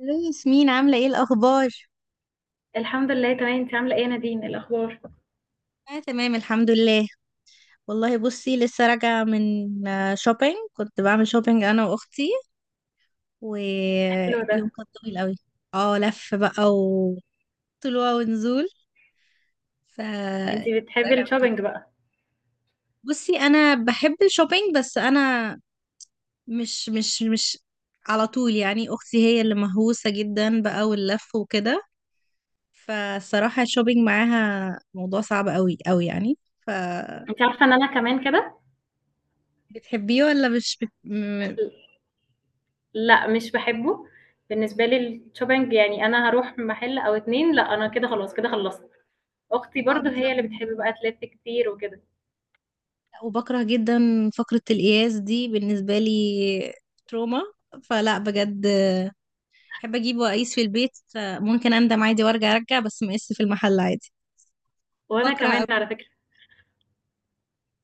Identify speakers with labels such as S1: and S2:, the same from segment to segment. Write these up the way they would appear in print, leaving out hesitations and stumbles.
S1: الو ياسمين، عاملة ايه الأخبار؟
S2: الحمد لله تمام. انت عامله ايه يا نادين؟ إيه الاخبار؟
S1: اه، تمام الحمد لله. والله بصي، لسه راجعة من شوبينج. كنت بعمل شوبينج أنا وأختي،
S2: حلو ده.
S1: ويوم كان طويل قوي. اه، لف بقى وطلوع ونزول. ف
S2: انت بتحبي
S1: راجعة مبسوطة.
S2: الشوبينج بقى؟
S1: بصي، أنا بحب الشوبينج بس أنا مش على طول. يعني أختي هي اللي مهووسة جدا بقى، واللف وكده. فالصراحة الشوبينج معاها موضوع صعب قوي قوي يعني. ف
S2: انت عارفه ان انا كمان كده.
S1: بتحبيه ولا مش بت... م- اه.
S2: لا مش بحبه. بالنسبه لي الشوبينج يعني انا هروح محل او اتنين، لا انا كده خلاص، كده خلصت. اختي برضو هي
S1: بالظبط.
S2: اللي بتحب بقى تلف كتير وكده.
S1: لا، وبكره جدا فقرة القياس دي بالنسبة لي، تروما. فلا، بجد بحب اجيبه واقيس في البيت. ممكن اندم عادي وارجع بس مقيس في المحل عادي.
S2: وانا
S1: بكره أوي.
S2: كمان على فكره.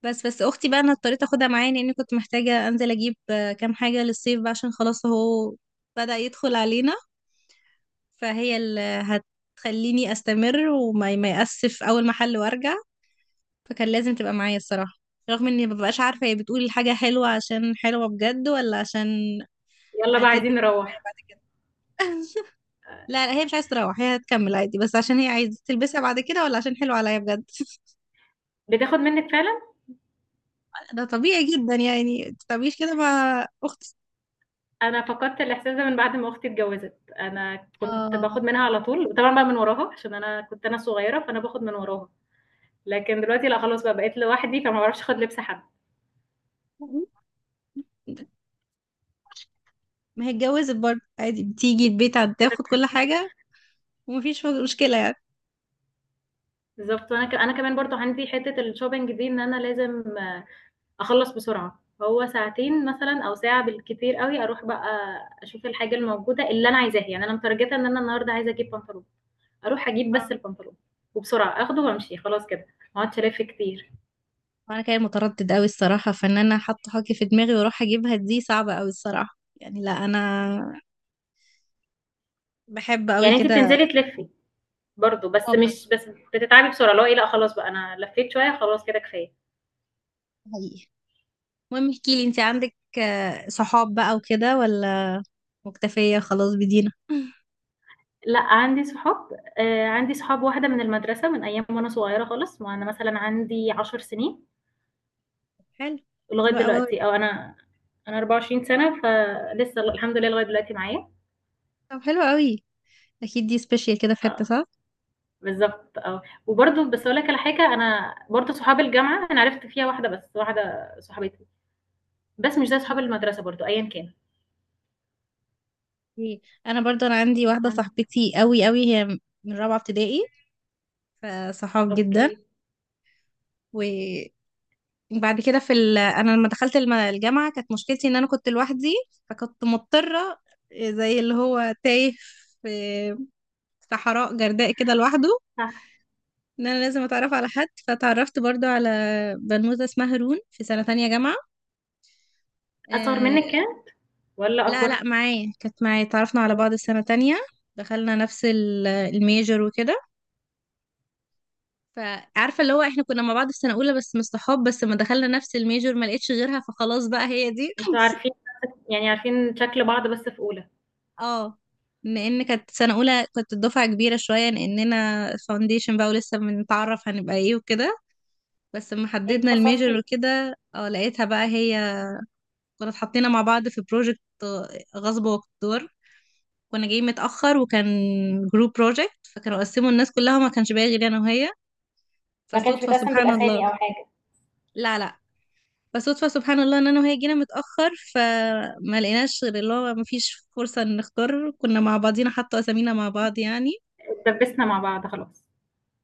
S1: بس بس اختي بقى انا اضطريت اخدها معايا لاني كنت محتاجة انزل اجيب كام حاجة للصيف بقى عشان خلاص اهو بدأ يدخل علينا. فهي اللي هتخليني استمر وما ما يأسف اول محل وارجع. فكان لازم تبقى معايا الصراحة. رغم اني مببقاش عارفة هي بتقول الحاجة حلوة عشان حلوة بجد ولا عشان
S2: يلا بقى عايزين
S1: هتلبسها معايا
S2: نروح.
S1: بعد كده. لا لا، هي مش عايزة تروح، هي هتكمل عادي. بس عشان هي عايزة تلبسها بعد كده ولا عشان حلوة عليا بجد؟
S2: بتاخد منك فعلا.
S1: ده طبيعي جدا يعني، متتعمليش كده مع اختي.
S2: انا فقدت الاحساس ده من بعد ما اختي اتجوزت. انا كنت
S1: اه،
S2: باخد منها على طول، وطبعا بقى من وراها، عشان انا كنت صغيره، فانا باخد من وراها. لكن دلوقتي لا خلاص بقى، بقيت لوحدي، فما بعرفش اخد لبس حد.
S1: ما هي اتجوزت برضه عادي، بتيجي البيت تاخد كل حاجة ومفيش مشكلة يعني.
S2: بالضبط، وأنا ك أنا كمان برضه عندي حتّة الshopping دي، إن أنا لازم أخلّص بسرعة، هو ساعتين مثلًا أو ساعة بالكتير أوي، أروح بقى أشوف الحاجة الموجودة اللي أنا عايزاها. يعني أنا متارجتة إن أنا النهارده عايزة أجيب بنطلون، أروح أجيب بس
S1: اه.
S2: البنطلون وبسرعة آخده وأمشي خلاص كده، ما اقعدش ألِف كتير.
S1: وانا كان متردد قوي الصراحة، فان انا حاطة حاجة في دماغي واروح اجيبها دي صعبة قوي الصراحة يعني. لا انا بحب قوي
S2: يعني أنتِ
S1: كده.
S2: بتنزلي تلِفّي برضه، بس
S1: اه برضه.
S2: مش بس بتتعبي بسرعة، اللي هو إيه لأ خلاص بقى أنا لفّيت شوية خلاص كده كفاية.
S1: حقيقي. المهم احكي لي، انت عندك صحاب بقى وكده ولا مكتفية خلاص بدينا؟
S2: لأ عندي صحاب. عندي صحاب واحدة من المدرسة من أيام وأنا صغيرة خالص، وأنا مثلًا عندي 10 سنين
S1: حلو.
S2: لغاية
S1: حلو قوي.
S2: دلوقتي، أو أنا 24 سنة، فلسه الحمد لله لغاية دلوقتي معايا.
S1: طب حلو قوي. اكيد دي سبيشال كده في حتة،
S2: آه،
S1: صح.
S2: بالضبط آه. وبرضه بس أقول لك على حاجة، أنا برضه صحاب الجامعة أنا عرفت فيها واحدة بس، واحدة صاحبتي، بس مش زي صحاب
S1: مم.
S2: المدرسة برضه أيًا كان.
S1: إيه. انا برضو انا عندي واحدة
S2: أنت-
S1: صاحبتي قوي قوي، هي من رابعة ابتدائي. فصحاب جدا.
S2: أوكي،
S1: وبعد كده انا لما دخلت الجامعة كانت مشكلتي ان انا كنت لوحدي. فكنت مضطرة، زي اللي هو تايه في صحراء جرداء كده لوحده،
S2: صح.
S1: ان انا لازم اتعرف على حد. فتعرفت برضو على بنوتة اسمها هارون في سنة تانية جامعة.
S2: أصغر
S1: آه.
S2: منِّك كام والّا
S1: لا
S2: أكبر؟
S1: لا، معايا، كانت معايا، اتعرفنا على بعض السنة تانية. دخلنا نفس الميجر وكده. فعارفة اللي هو احنا كنا مع بعض في سنة أولى بس مش صحاب، بس ما دخلنا نفس الميجر ما لقيتش غيرها فخلاص بقى هي دي.
S2: أنتم عارفين، يعني عارفين شكل بعض بس في أولى.
S1: اه. لأن كانت سنة أولى، كنت الدفعة كبيرة شوية لأننا فاونديشن بقى ولسه بنتعرف هنبقى ايه وكده. بس لما
S2: يعني
S1: حددنا
S2: اتخصصتِ
S1: الميجر
S2: إيه؟
S1: وكده، اه، لقيتها بقى هي. كنا اتحطينا مع بعض في بروجكت غصب واقتدار. كنا جايين متأخر وكان جروب بروجكت، فكانوا قسموا الناس كلها ما كانش باقي غير انا وهي.
S2: ما كانش
S1: فصدفة
S2: بيتقسم
S1: سبحان الله.
S2: بالأسامي أو حاجة؟
S1: لا لا. فصدفة سبحان الله ان انا وهي جينا متأخر فما لقيناش غير اللي هو ما فيش فرصة ان نختار، كنا مع بعضينا حتى اسامينا مع بعض يعني.
S2: اتدبسنا مع بعض خلاص.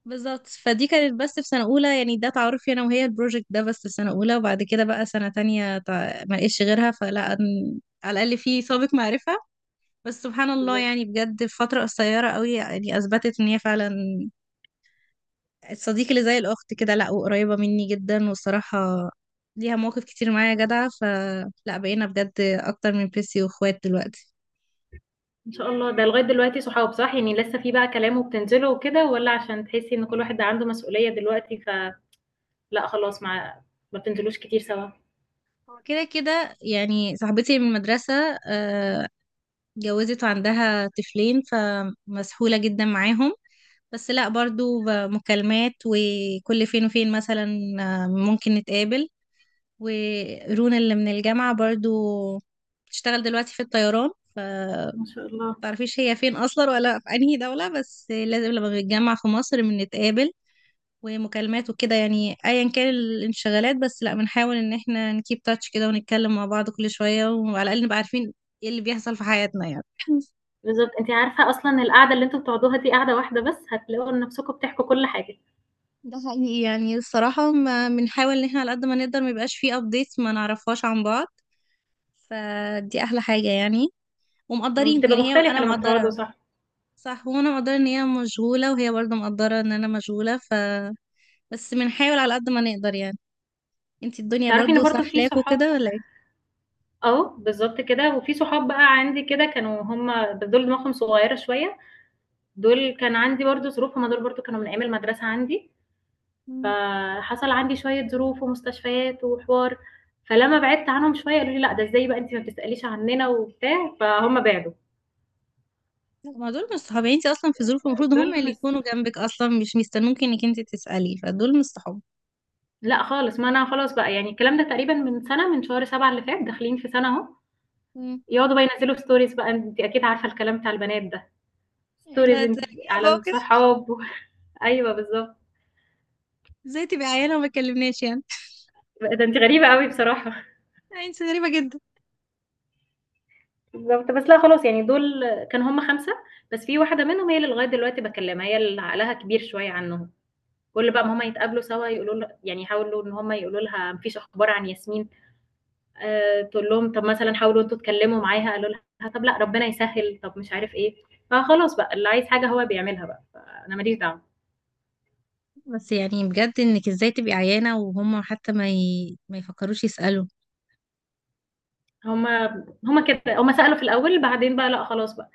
S1: بالظبط. فدي كانت بس في سنة أولى، يعني ده تعارفي أنا وهي البروجكت ده بس في سنة أولى. وبعد كده بقى سنة تانية، ما لقيتش غيرها، على الأقل في سابق معرفة. بس سبحان الله
S2: بالضبط.
S1: يعني بجد في فترة قصيرة قوي يعني أثبتت إن هي فعلا الصديق اللي زي الأخت كده. لأ، وقريبة مني جدا والصراحة ليها مواقف كتير معايا جدعة، فلا بقينا بجد أكتر من بيسي وإخوات دلوقتي.
S2: إن شاء الله، ده لغاية دلوقتي صحاب صح؟ يعني لسه في بقى كلام وبتنزلوا وكده والّا عشان تحسّي إن كل واحد عنده مسؤولية دلوقتي، فلأ خلاص، ما بتنزلوش كتير سوا؟
S1: هو كده كده. يعني صاحبتي من المدرسة آه، اتجوزت وعندها طفلين فمسحولة جدا معاهم. بس لا، برضو مكالمات، وكل فين وفين مثلا ممكن نتقابل. ورونا اللي من الجامعة برضو بتشتغل دلوقتي في الطيران. ف
S2: ما شاء الله.
S1: متعرفيش هي فين أصلا ولا في أنهي دولة، بس لازم لما بنتجمع في مصر بنتقابل. ومكالمات وكده يعني، أيا كان الانشغالات، بس لأ بنحاول إن احنا نكيب تاتش كده ونتكلم مع بعض كل شوية وعلى الأقل نبقى عارفين ايه اللي بيحصل في حياتنا يعني.
S2: بالضبط، أنتِ عارفة أصلًا القعدة اللي أنتم بتقعدوها دي قعدة واحدة بس، هتلاقوا نفسكم بتحكوا كل حاجة.
S1: ده حقيقي، يعني الصراحة ما بنحاول إن احنا على قد ما نقدر ما يبقاش فيه أبديتس ما نعرفهاش عن بعض. فدي أحلى حاجة يعني. ومقدرين
S2: بتبقى
S1: يعني، هي
S2: مختلفة
S1: أنا
S2: لمّا بتقعدوا
S1: مقدرة.
S2: صح.
S1: صح، وانا مقدرة ان هي مشغولة وهي برضو مقدرة ان انا مشغولة. ف بس بنحاول على قد ما نقدر يعني. انتي الدنيا
S2: تعرفي إن
S1: برضو
S2: برضه في
S1: سحلاكوا
S2: صحاب،
S1: كده ولا ايه؟
S2: آه، بالضبط كده. وفي صحاب بقى عندي كده كانوا هُم، دول دماغهم صغيرة شوية، دول كان عندي برضه ظروف، هُم دول برضه كانوا من أيام المدرسة عندي.
S1: مم.
S2: فحصل عندي شوية ظروف ومستشفيات وحوار، فلمّا بعدت عنهم شوية قالوا لي: "لأ، ده إزاي بقى أنتِ ما بتسأليش عننا،" وبتاع، فهُم بعدوا.
S1: لا، ما دول مش صحاب. يعني انتي اصلا في ظروف المفروض هم
S2: دول
S1: اللي
S2: مس
S1: يكونوا جنبك، اصلا مش مستنوكي انك انتي تسألي. فدول مش صحاب.
S2: لأ خالص، ما أنا خلاص بقى، يعني الكلام ده تقريبًا من سنة، من شهر 7 اللي فات، داخلين في سنة أهو،
S1: مم.
S2: يقعدوا بقى ينزّلوا stories بقى، أنتِ أكيد عارفة الكلام بتاع البنات ده، stories
S1: لا
S2: أنتِ
S1: تلاقيها
S2: على
S1: بقى كده.
S2: الصحاب و أيوه بالضبط.
S1: ازاي تبقي عيانة وما تكلمناش يعني؟
S2: ده أنتِ غريبة أوي بصراحة.
S1: يعني انتي غريبة جدا.
S2: بالضبط، بس لأ خلاص يعني دول كانوا هُم 5، بس في واحدة منهم هي اللي لغاية دلوقتي باكلمها، هي اللي عقلها كبير شوية عنّهم. كل بقى ما هما يتقابلوا سوا يقولوا له، يعني يحاولوا ان هما يقولوا لها مفيش اخبار عن ياسمين، آه تقول لهم طب مثلا حاولوا انتوا تكلموا معاها، قالوا لها طب لا ربنا يسهل طب مش عارف ايه. فخلاص بقى اللي عايز حاجه هو بيعملها بقى، فانا ماليش دعوه.
S1: بس يعني بجد، انك ازاي تبقي عيانة وهم حتى ما يفكروش يسألوا؟
S2: هما كده هما سالوا في الاول، بعدين بقى لا خلاص بقى،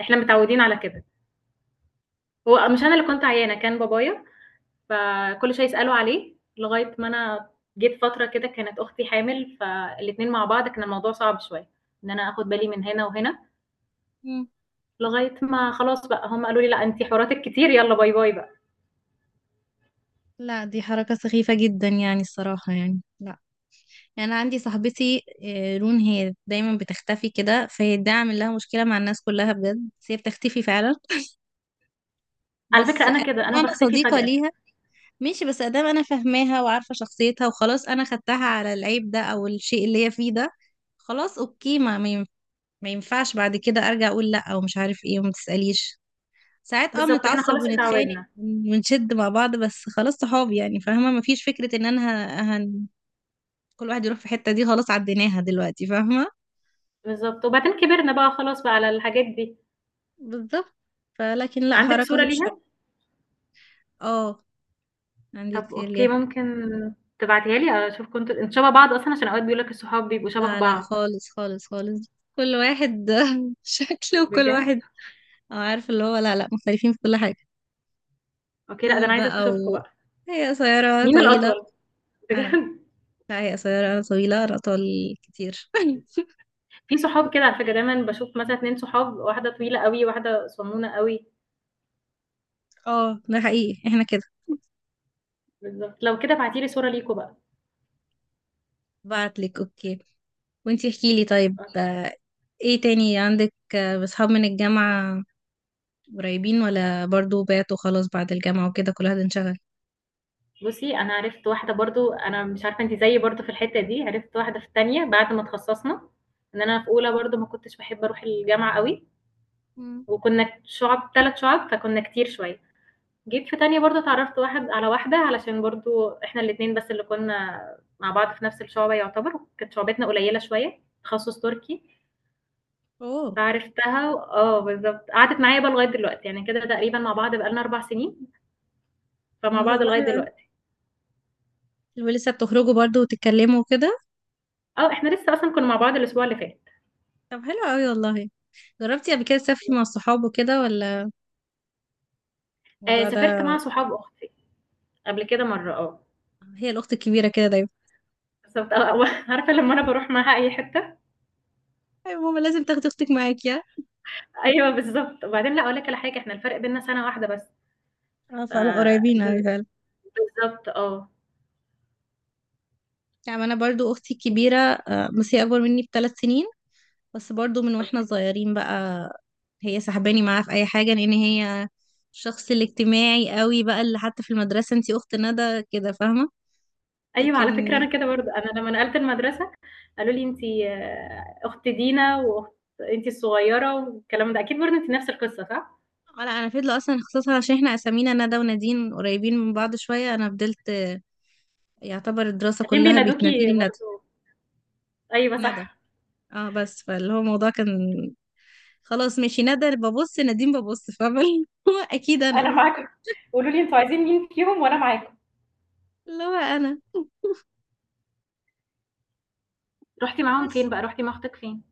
S2: احنا متعودين على كده. هو مش انا اللي كنت عيانه، كان بابايا، فكل شويه يسالوا عليه، لغايه ما انا جيت فتره كده كانت اختي حامل، فالاتنين مع بعض كان الموضوع صعب شويه ان انا اخد بالي من هنا وهنا.
S1: مم.
S2: لغاية ما خلاص بقى هم قالوا لي: "لأ أنتِ حواراتِك كتير، يالّا باي باي بقى."
S1: لا، دي حركة سخيفة جدا يعني الصراحة، يعني لا. يعني انا عندي صاحبتي رون، هي دايما بتختفي كده، فهي ده عامل لها مشكله مع الناس كلها بجد، بس هي بتختفي فعلا.
S2: على
S1: بس
S2: فكرة
S1: ادام
S2: أنا كده، أنا
S1: انا
S2: باختفي
S1: صديقه
S2: فجأة.
S1: ليها، ماشي. بس ادام انا فاهماها وعارفه شخصيتها وخلاص انا خدتها على العيب ده او الشيء اللي هي فيه ده، خلاص اوكي. ما ينفعش بعد كده ارجع اقول لا او مش عارف ايه وما تساليش. ساعات اه
S2: بالضبط، إحنا
S1: بنتعصب
S2: خلاص
S1: ونتخانق
S2: اتعوّدنا.
S1: ونشد مع بعض، بس خلاص صحاب يعني، فاهمه، مفيش فكره ان انا ه- هن... كل واحد يروح في حته. دي خلاص عديناها دلوقتي، فاهمه.
S2: بالضبط، وبعدين كبرنا بقى خلاص بقى على الحاجات دي.
S1: بالظبط. فلكن لا،
S2: عندِك
S1: حركة
S2: صورة
S1: مش
S2: ليها؟
S1: حلوة. اه، عندي
S2: طب
S1: كتير
S2: أوكي،
S1: ليها.
S2: ممكن تبعتيها لي أشوف كنتم أنتم شبه بعض أصلًا؟ عشان أوقات بيقولوا لك الصحاب بيبقوا شبه
S1: لا لا،
S2: بعض.
S1: خالص خالص خالص. كل واحد شكله، وكل
S2: بجد؟
S1: واحد أو عارف اللي هو، لا لا، مختلفين في كل حاجة.
S2: أوكي، لأ ده
S1: طول
S2: أنا عايزة
S1: بقى
S2: أشوفكم
S1: و
S2: بقى.
S1: هي قصيرة
S2: مين
S1: طويلة.
S2: الأطول؟
S1: أنا.
S2: بجد.
S1: لا، هي قصيرة أنا طويلة، أنا أطول كتير.
S2: في صحاب كده على فكرة دايمًا باشوف مثلًا 2 صحاب، واحدة طويلة أوي، واحدة صنونة أوي.
S1: اه، ده حقيقي احنا كده.
S2: بالضبط، لو كده ابعتي لي صورة ليكم بقى.
S1: بعتلك اوكي. وانتي احكيلي طيب ايه تاني عندك بصحاب من الجامعة قريبين ولا برضو بعتوا خلاص بعد الجامعة وكده كل واحد انشغل؟
S2: بُصّي، أنا عرفت واحدة برضه، أنا مش عارفة أنتِ زيي برضه في الحتّة دي، عرفت واحدة في التانية بعد ما اتخصّصنا، إن أنا في أولى برضه ما كنتش باحب أروح الجامعة أوي، وكنا شُعَب 3 شُعَب فكنا كتير شوية، جيت في تانية برضه اتعرّفت واحد على واحدة، علشان برضه إحنا الاتنين بس اللي كنا مع بعض في نفس الشُعبة يعتبر، وكانت شُعبتنا قليّلة شوية، تخصُّص تركي،
S1: اوه.
S2: آه بالضبط، قعدت معايا بقى لغاية دلوقتي، يعني كده تقريبًا مع بعض بقى لنا 4 سنين،
S1: طب
S2: فمع
S1: ما شاء
S2: بعض
S1: الله،
S2: لغاية
S1: حلو
S2: دلوقتي.
S1: أوي. ولسه بتخرجوا برضو وتتكلموا كده؟
S2: آه، إحنا لسه أصلًا كنا مع بعض الأسبوع اللي فات.
S1: طب حلو قوي والله. جربتي قبل كده تسافري مع الصحاب وكده ولا الموضوع ده؟
S2: سافرت مع صحاب أختي قبل كده مرّة آه،
S1: هي الاخت الكبيره كده دايما.
S2: بالضبط آه، و عارفة لمّا أنا باروح معاها أي حتّة،
S1: ايوه ماما لازم تاخدي اختك معاكي ها؟
S2: أيوه بالضبط. وبعدين لأ أقول لِك على حاجة، إحنا الفرق بيننا سَنة واحدة بس،
S1: اه
S2: ف
S1: فعلا قريبين
S2: ب
S1: قوي فعلا.
S2: بالضبط آه.
S1: يعني انا برضو اختي الكبيره بس هي اكبر مني ب3 سنين. بس برضو من واحنا
S2: أوكي.
S1: صغيرين بقى هي سحباني معاها في اي حاجه، لان هي الشخص الاجتماعي قوي بقى، اللي حتى في المدرسه انتي اخت ندى كده، فاهمه.
S2: أيوه
S1: لكن
S2: على فكرة أنا كده برضه، أنا لمّا نقلت المدرسة قالوا لي: "أنتِ أخت دينا وأخت، أنتِ الصغيّرة." والكلام ده، أكيد برضه أنتِ نفس القصة صح؟
S1: اه، لا انا فضل اصلا خصوصا عشان احنا اسامينا ندى ونادين قريبين من بعض شويه، انا فضلت يعتبر الدراسه
S2: هتلاقيهم
S1: كلها
S2: بينادوكِ
S1: بتناديني بندى.
S2: برضه. أيوه
S1: ندى.
S2: صح،
S1: اه بس فاللي هو الموضوع كان خلاص ماشي، ندى ببص، نادين ببص، فاهمه اللي هو اكيد انا.
S2: أنا معاكم، قولوا لي أنتم عايزين مين فيهم وأنا معاكم.
S1: اللي هو انا.
S2: رُحتِ معاهم فين
S1: بس
S2: بقى، رُحتِ مع أختك فين؟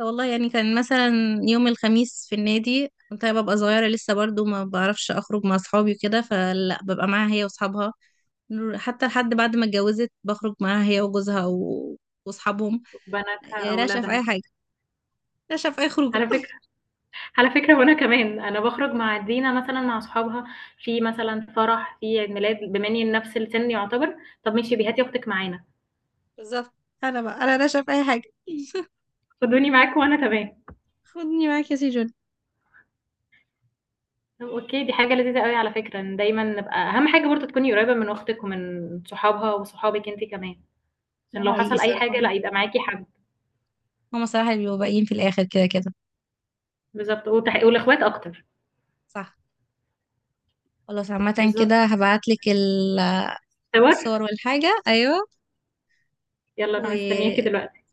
S1: والله، يعني كان مثلا يوم الخميس في النادي كنت أنا ببقى صغيره لسه، برضو ما بعرفش اخرج مع اصحابي وكده فلا، ببقى معاها هي واصحابها. حتى لحد بعد ما اتجوزت بخرج معاها هي وجوزها واصحابهم.
S2: بناتها،
S1: راشقه في
S2: أولادها؟
S1: اي حاجه. نشأ في أي خروجة.
S2: على فكرة على فكرة وأنا كمان، أنا باخرج مع دينا مثلًا مع صحابها في مثلًا فرح، في عيد ميلاد، بما إني نفس السِن يعتبر، طَب ماشي، هاتي أختِك معانا.
S1: بالظبط. أنا بقى، أنا نشأ في أي حاجة.
S2: خدوني معاكم وأنا تمام.
S1: خدني معاك يا سي جون.
S2: طَب أوكي، دي حاجة لذيذة أوي على فكرة، إن دايمًا نبقى أهم حاجة برضه تكوني قريّبة من أختِك ومن صحابها وصحابِك أنتِ كمان، عشان
S1: ده
S2: لو
S1: حقيقي
S2: حصل أي حاجة
S1: صراحة.
S2: لأ، يبقى معاكِ حد.
S1: هما صراحة اللي بيبقوا باقيين في الآخر كده كده.
S2: بالضبط، وتح والإخوات أكتر.
S1: صح. خلاص، عامة كده
S2: بالضبط.
S1: هبعتلك
S2: صور؟
S1: الصور والحاجة، أيوة.
S2: يالّا
S1: و
S2: أنا مستنياكِ دلوقتي.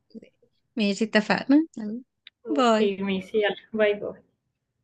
S1: ماشي اتفقنا، يلا، باي.
S2: أوكي ماشي، يالّا باي، باي.